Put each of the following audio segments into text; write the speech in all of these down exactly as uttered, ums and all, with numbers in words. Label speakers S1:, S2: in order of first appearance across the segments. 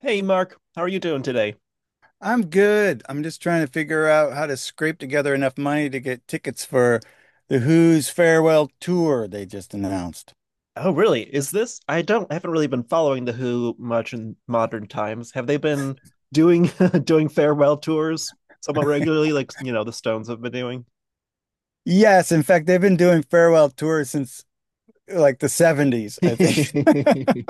S1: Hey Mark, how are you doing today?
S2: I'm good. I'm just trying to figure out how to scrape together enough money to get tickets for the Who's farewell tour they just announced.
S1: Oh, really? Is this? I don't I haven't really been following the Who much in modern times. Have they been doing doing farewell tours somewhat regularly, like you know the Stones have been doing?
S2: Yes, in fact, they've been doing farewell tours since like the seventies, I think.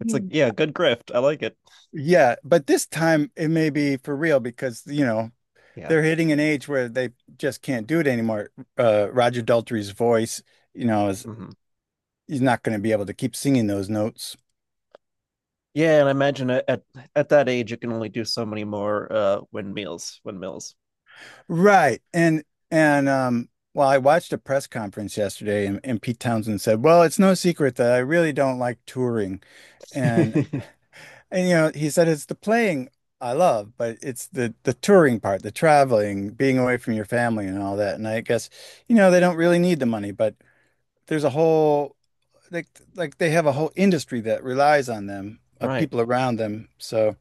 S1: It's like,
S2: Mm.
S1: yeah, good grift. I like it.
S2: Yeah, but this time it may be for real because, you know,
S1: Yeah.
S2: they're hitting an age where they just can't do it anymore. Uh, Roger Daltrey's voice, you know, is
S1: Hmm.
S2: he's not going to be able to keep singing those notes.
S1: Yeah, and I imagine at at at that age you can only do so many more uh windmills, windmills.
S2: Right. And and um well, I watched a press conference yesterday, and, and Pete Townsend said, "Well, it's no secret that I really don't like touring." And and you know, he said it's the playing I love, but it's the the touring part, the traveling, being away from your family and all that. And I guess, you know, they don't really need the money, but there's a whole like like they have a whole industry that relies on them, of
S1: Right.
S2: people around them. So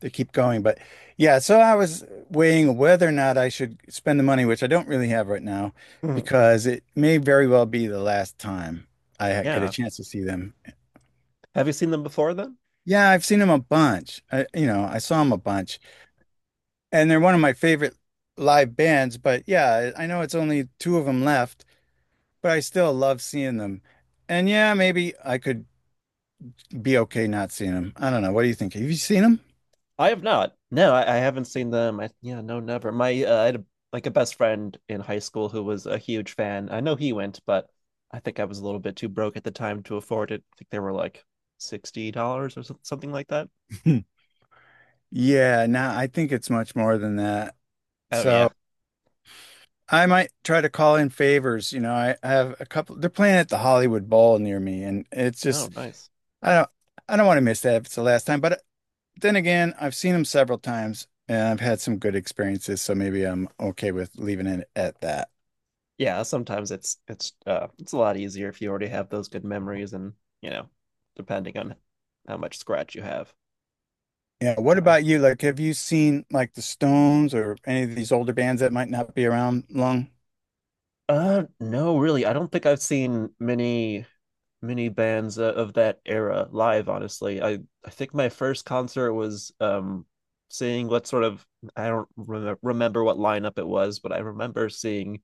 S2: to keep going. But yeah, so I was weighing whether or not I should spend the money, which I don't really have right now,
S1: Mhm.
S2: because it may very well be the last time I ha- get a
S1: Yeah.
S2: chance to see them.
S1: Have you seen them before then?
S2: Yeah, I've seen them a bunch. I, you know, I saw them a bunch, and they're one of my favorite live bands. But yeah, I know it's only two of them left, but I still love seeing them. And yeah, maybe I could be okay not seeing them. I don't know. What do you think? Have you seen
S1: I have not. No, I, I haven't seen them. I, yeah, no, never. My uh, I had a, like a best friend in high school who was a huge fan. I know he went, but I think I was a little bit too broke at the time to afford it. I think they were like sixty dollars or so- something like that.
S2: them? Yeah, no, nah, I think it's much more than that.
S1: Oh
S2: So
S1: yeah.
S2: I might try to call in favors. You know, I, I have a couple. They're playing at the Hollywood Bowl near me, and it's
S1: Oh
S2: just
S1: nice.
S2: I don't I don't want to miss that if it's the last time. But uh, then again, I've seen them several times, and I've had some good experiences, so maybe I'm okay with leaving it at that.
S1: Yeah. Sometimes it's it's uh it's a lot easier if you already have those good memories, and you know, depending on how much scratch you have
S2: Yeah.
S1: at
S2: What
S1: the time.
S2: about you? Like, have you seen like the Stones or any of these older bands that might not be around long?
S1: Uh, no, really, I don't think I've seen many many bands uh, of that era live, honestly. I i think my first concert was um seeing what sort of, I don't rem- remember what lineup it was, but I remember seeing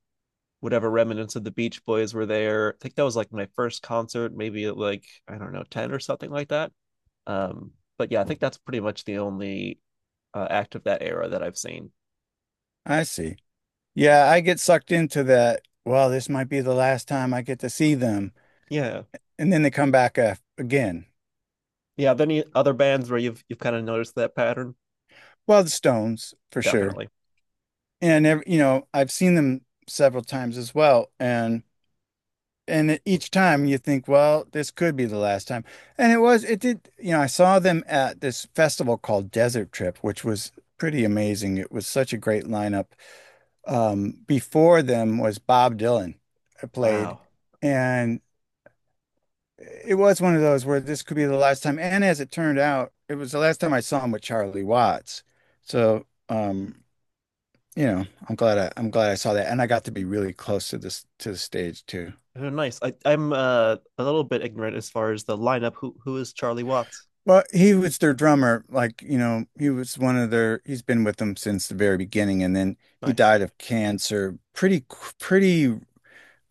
S1: whatever remnants of the Beach Boys were there. I think that was like my first concert, maybe at like, I don't know, ten or something like that. um but yeah, I think that's pretty much the only uh, act of that era that I've seen.
S2: I see. Yeah, I get sucked into that. Well, this might be the last time I get to see them,
S1: Yeah.
S2: and then they come back uh, again.
S1: Yeah, are there any other bands where you've you've kind of noticed that pattern?
S2: Well, the Stones for sure.
S1: Definitely.
S2: And ev- you know, I've seen them several times as well and and each time you think, well, this could be the last time. And it was it did, you know, I saw them at this festival called Desert Trip, which was pretty amazing. It was such a great lineup. Um, before them was Bob Dylan uh, played,
S1: Wow.
S2: and it was one of those where this could be the last time. And as it turned out, it was the last time I saw him with Charlie Watts. So, um you know, I'm glad I, I'm glad I saw that, and I got to be really close to this to the stage too.
S1: Oh, nice. I, I'm uh, a little bit ignorant as far as the lineup. Who who is Charlie Watts?
S2: Well, he was their drummer, like, you know, he was one of their. He's been with them since the very beginning, and then he
S1: Nice.
S2: died of cancer pretty qu- pretty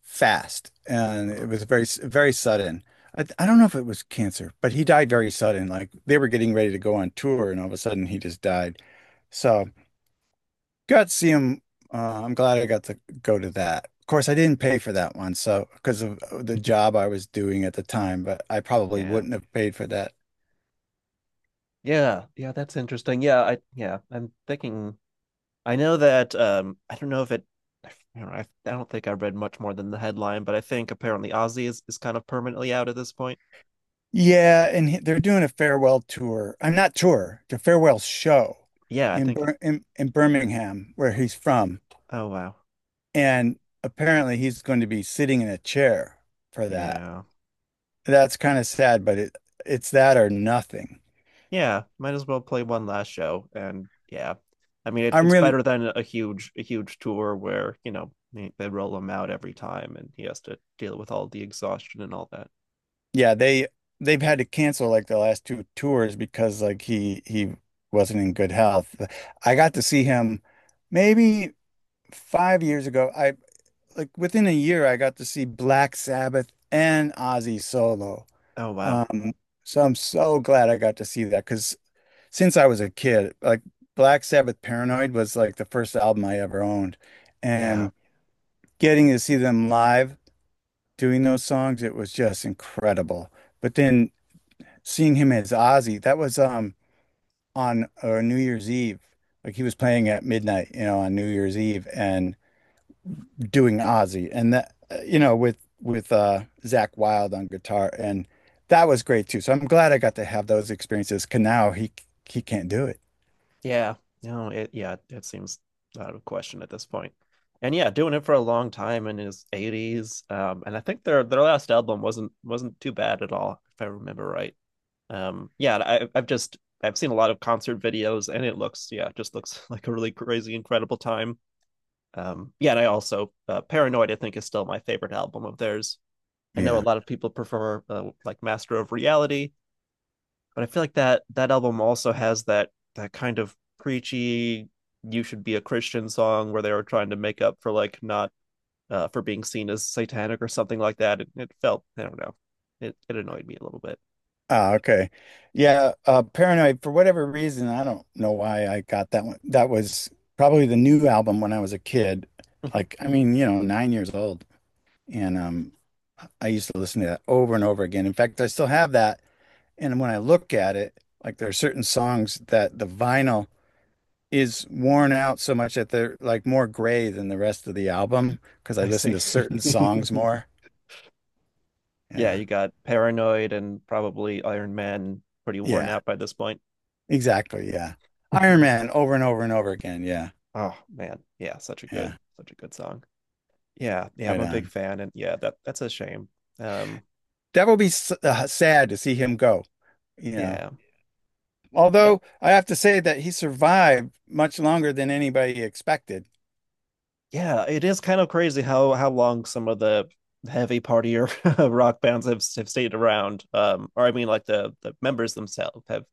S2: fast, and
S1: Mm.
S2: it was very very sudden. I, I don't know if it was cancer, but he died very sudden. Like they were getting ready to go on tour, and all of a sudden he just died. So. Got to see him. Uh, I'm glad I got to go to that. Of course, I didn't pay for that one, so because of uh, the job I was doing at the time, but I probably
S1: Yeah.
S2: wouldn't have paid for that.
S1: Yeah. Yeah, that's interesting. Yeah, I, yeah, I'm thinking, I know that um I don't know if it I don't know, I, I don't think I read much more than the headline, but I think apparently Ozzy is, is kind of permanently out at this point.
S2: Yeah, and he- they're doing a farewell tour. I'm not tour, the farewell show
S1: Yeah, I
S2: in,
S1: think,
S2: Bir in in Birmingham, where he's from,
S1: oh wow.
S2: and apparently he's going to be sitting in a chair for that.
S1: Yeah.
S2: That's kind of sad, but it it's that or nothing.
S1: Yeah, might as well play one last show. And yeah, I mean, it,
S2: I'm
S1: it's
S2: really
S1: better than a huge, a huge tour where, you know, they, they roll him out every time and he has to deal with all the exhaustion and all that.
S2: yeah, they they've had to cancel like the last two tours because like he he wasn't in good health. I got to see him maybe five years ago. I like within a year I got to see Black Sabbath and Ozzy solo.
S1: Oh, wow.
S2: Um, so I'm so glad I got to see that because since I was a kid, like Black Sabbath Paranoid was like the first album I ever owned,
S1: Yeah.
S2: and getting to see them live doing those songs, it was just incredible. But then seeing him as Ozzy, that was um on uh, New Year's Eve. Like he was playing at midnight, you know, on New Year's Eve, and doing Ozzy and that uh, you know with with uh Zach Wild on guitar, and that was great too. So I'm glad I got to have those experiences. 'Cause now he he can't do it.
S1: Yeah. No, it, yeah, it seems out of question at this point. And yeah, doing it for a long time in his eighties. Um, and I think their their last album wasn't wasn't too bad at all, if I remember right. Um yeah, I, I've just, I've seen a lot of concert videos and it looks, yeah, just looks like a really crazy, incredible time. Um yeah, and I also, uh, Paranoid I think is still my favorite album of theirs. I know
S2: Yeah.
S1: a lot of people prefer, uh, like Master of Reality, but I feel like that that album also has that that kind of preachy "you should be a Christian" song where they were trying to make up for like not, uh, for being seen as satanic or something like that. It, it felt, I don't know, it, it annoyed me a little bit.
S2: Ah, okay. Yeah, uh Paranoid for whatever reason, I don't know why I got that one. That was probably the new album when I was a kid.
S1: Mhm.
S2: Like I mean, you know, nine years old. And um I used to listen to that over and over again. In fact, I still have that. And when I look at it, like there are certain songs that the vinyl is worn out so much that they're like more gray than the rest of the album because I
S1: I
S2: listen
S1: see.
S2: to certain songs more.
S1: Yeah,
S2: Yeah.
S1: you got Paranoid and probably Iron Man pretty worn
S2: Yeah.
S1: out by this point.
S2: Exactly. Yeah. Iron Man
S1: Nice.
S2: over and over and over again. Yeah.
S1: Oh man, yeah, such a
S2: Yeah,
S1: good, such a good song. Yeah, yeah, I'm
S2: right
S1: a big
S2: on.
S1: fan, and yeah, that that's a shame. Um,
S2: That will be s- uh, sad to see him go, you know.
S1: yeah. Yeah,
S2: Although I have to say that he survived much longer than anybody expected.
S1: yeah. It is kind of crazy how how long some of the heavy partier rock bands have have stayed around. Um, or I mean, like the the members themselves have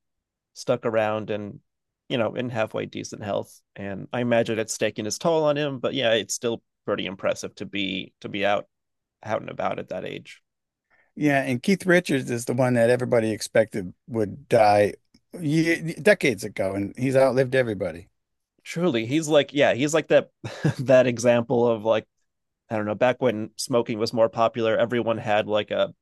S1: stuck around and you know, in halfway decent health. And I imagine it's taking its toll on him, but yeah, it's still pretty impressive to be to be out out and about at that age.
S2: Yeah, and Keith Richards is the one that everybody expected would die ye decades ago, and he's outlived everybody.
S1: Truly, he's like, yeah, he's like that that example of like, I don't know, back when smoking was more popular, everyone had like a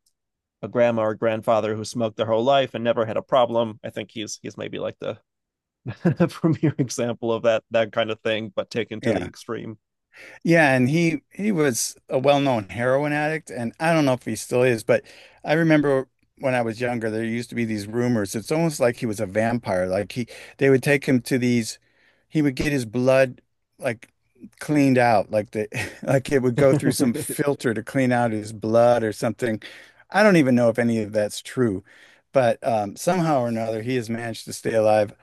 S1: a grandma or grandfather who smoked their whole life and never had a problem. I think he's he's maybe like the premier example of that that kind of thing, but taken to the
S2: Yeah.
S1: extreme.
S2: Yeah, and he he was a well-known heroin addict, and I don't know if he still is, but I remember when I was younger, there used to be these rumors. It's almost like he was a vampire. Like he, they would take him to these, he would get his blood like cleaned out, like the like it would go through some filter to clean out his blood or something. I don't even know if any of that's true, but um, somehow or another, he has managed to stay alive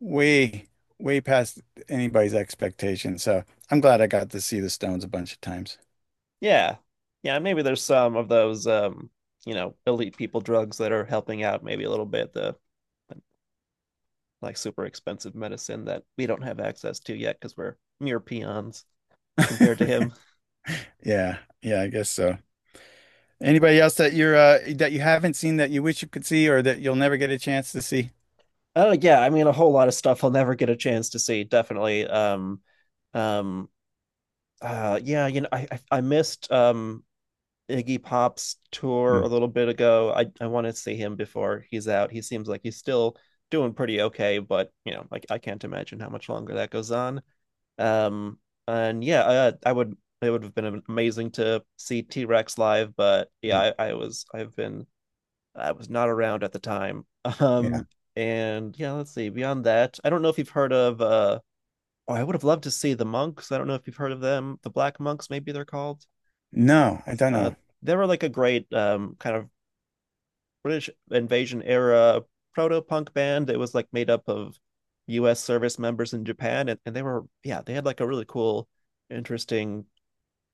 S2: way, way past anybody's expectation. So I'm glad I got to see the Stones a bunch of times.
S1: Yeah. Yeah, maybe there's some of those, um, you know, elite people drugs that are helping out maybe a little bit, the like super expensive medicine that we don't have access to yet because we're mere peons compared to him.
S2: Yeah, yeah, I guess so. Anybody else that you're uh that you haven't seen that you wish you could see or that you'll never get a chance to see?
S1: Oh yeah, I mean a whole lot of stuff I'll never get a chance to see, definitely. Um um uh yeah, you know, I I, I missed um Iggy Pop's tour a
S2: Mm,
S1: little bit ago. I I want to see him before he's out. He seems like he's still doing pretty okay, but you know, like I can't imagine how much longer that goes on. Um, and yeah, uh, I would, it would have been amazing to see T Rex live, but
S2: mm,
S1: yeah, I, I was, I've been, I was not around at the time.
S2: yeah.
S1: Um, and yeah, let's see. Beyond that, I don't know if you've heard of. Uh, oh, I would have loved to see the Monks. I don't know if you've heard of them. The Black Monks, maybe they're called.
S2: No, I don't
S1: Uh,
S2: know.
S1: they were like a great um kind of British invasion era proto punk band that was like made up of U S service members in Japan, and, and they were, yeah, they had like a really cool, interesting,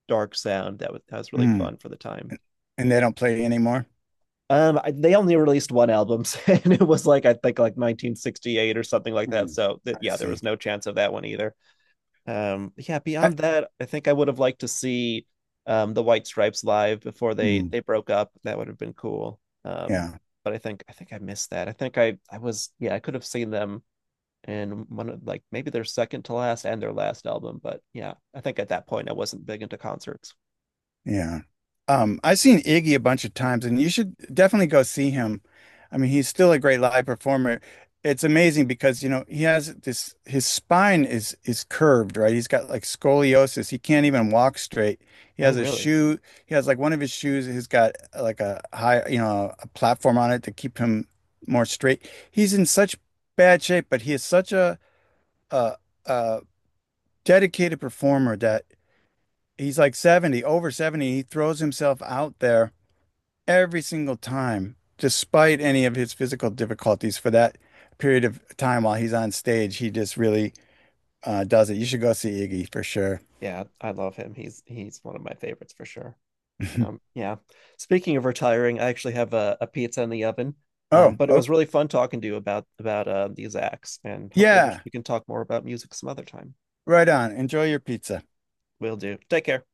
S1: dark sound that was that was really
S2: Mm.
S1: fun for the time.
S2: And they don't play anymore?
S1: Um, I, they only released one album, and it was like, I think like nineteen sixty-eight or something like that.
S2: Mm,
S1: So th-
S2: I
S1: yeah, there
S2: see.
S1: was no chance of that one either. Um yeah,
S2: I
S1: beyond that, i think I would have liked to see um the White Stripes live before they
S2: mm.
S1: they broke up. That would have been cool. um
S2: Yeah,
S1: but i think I think I missed that. i think i i was, yeah, I could have seen them in one of like maybe their second to last and their last album, but yeah, I think at that point I wasn't big into concerts.
S2: yeah. Um, I've seen Iggy a bunch of times, and you should definitely go see him. I mean, he's still a great live performer. It's amazing because, you know, he has this, his spine is is curved, right? He's got like scoliosis. He can't even walk straight. He
S1: Oh
S2: has a
S1: really?
S2: shoe, he has like one of his shoes he has got uh, like a high, you know, a platform on it to keep him more straight. He's in such bad shape, but he is such a a, a dedicated performer that he's like seventy, over seventy. He throws himself out there every single time, despite any of his physical difficulties for that period of time while he's on stage. He just really uh, does it. You should go see Iggy for sure.
S1: Yeah, I love him, he's he's one of my favorites for sure. Um, yeah. Speaking of retiring, I actually have a, a pizza in the oven.
S2: Oh,
S1: Um, but it was
S2: okay.
S1: really fun talking to you about about uh, these acts, and hopefully we, sh-
S2: Yeah,
S1: we can talk more about music some other time.
S2: right on. Enjoy your pizza.
S1: Will do. Take care.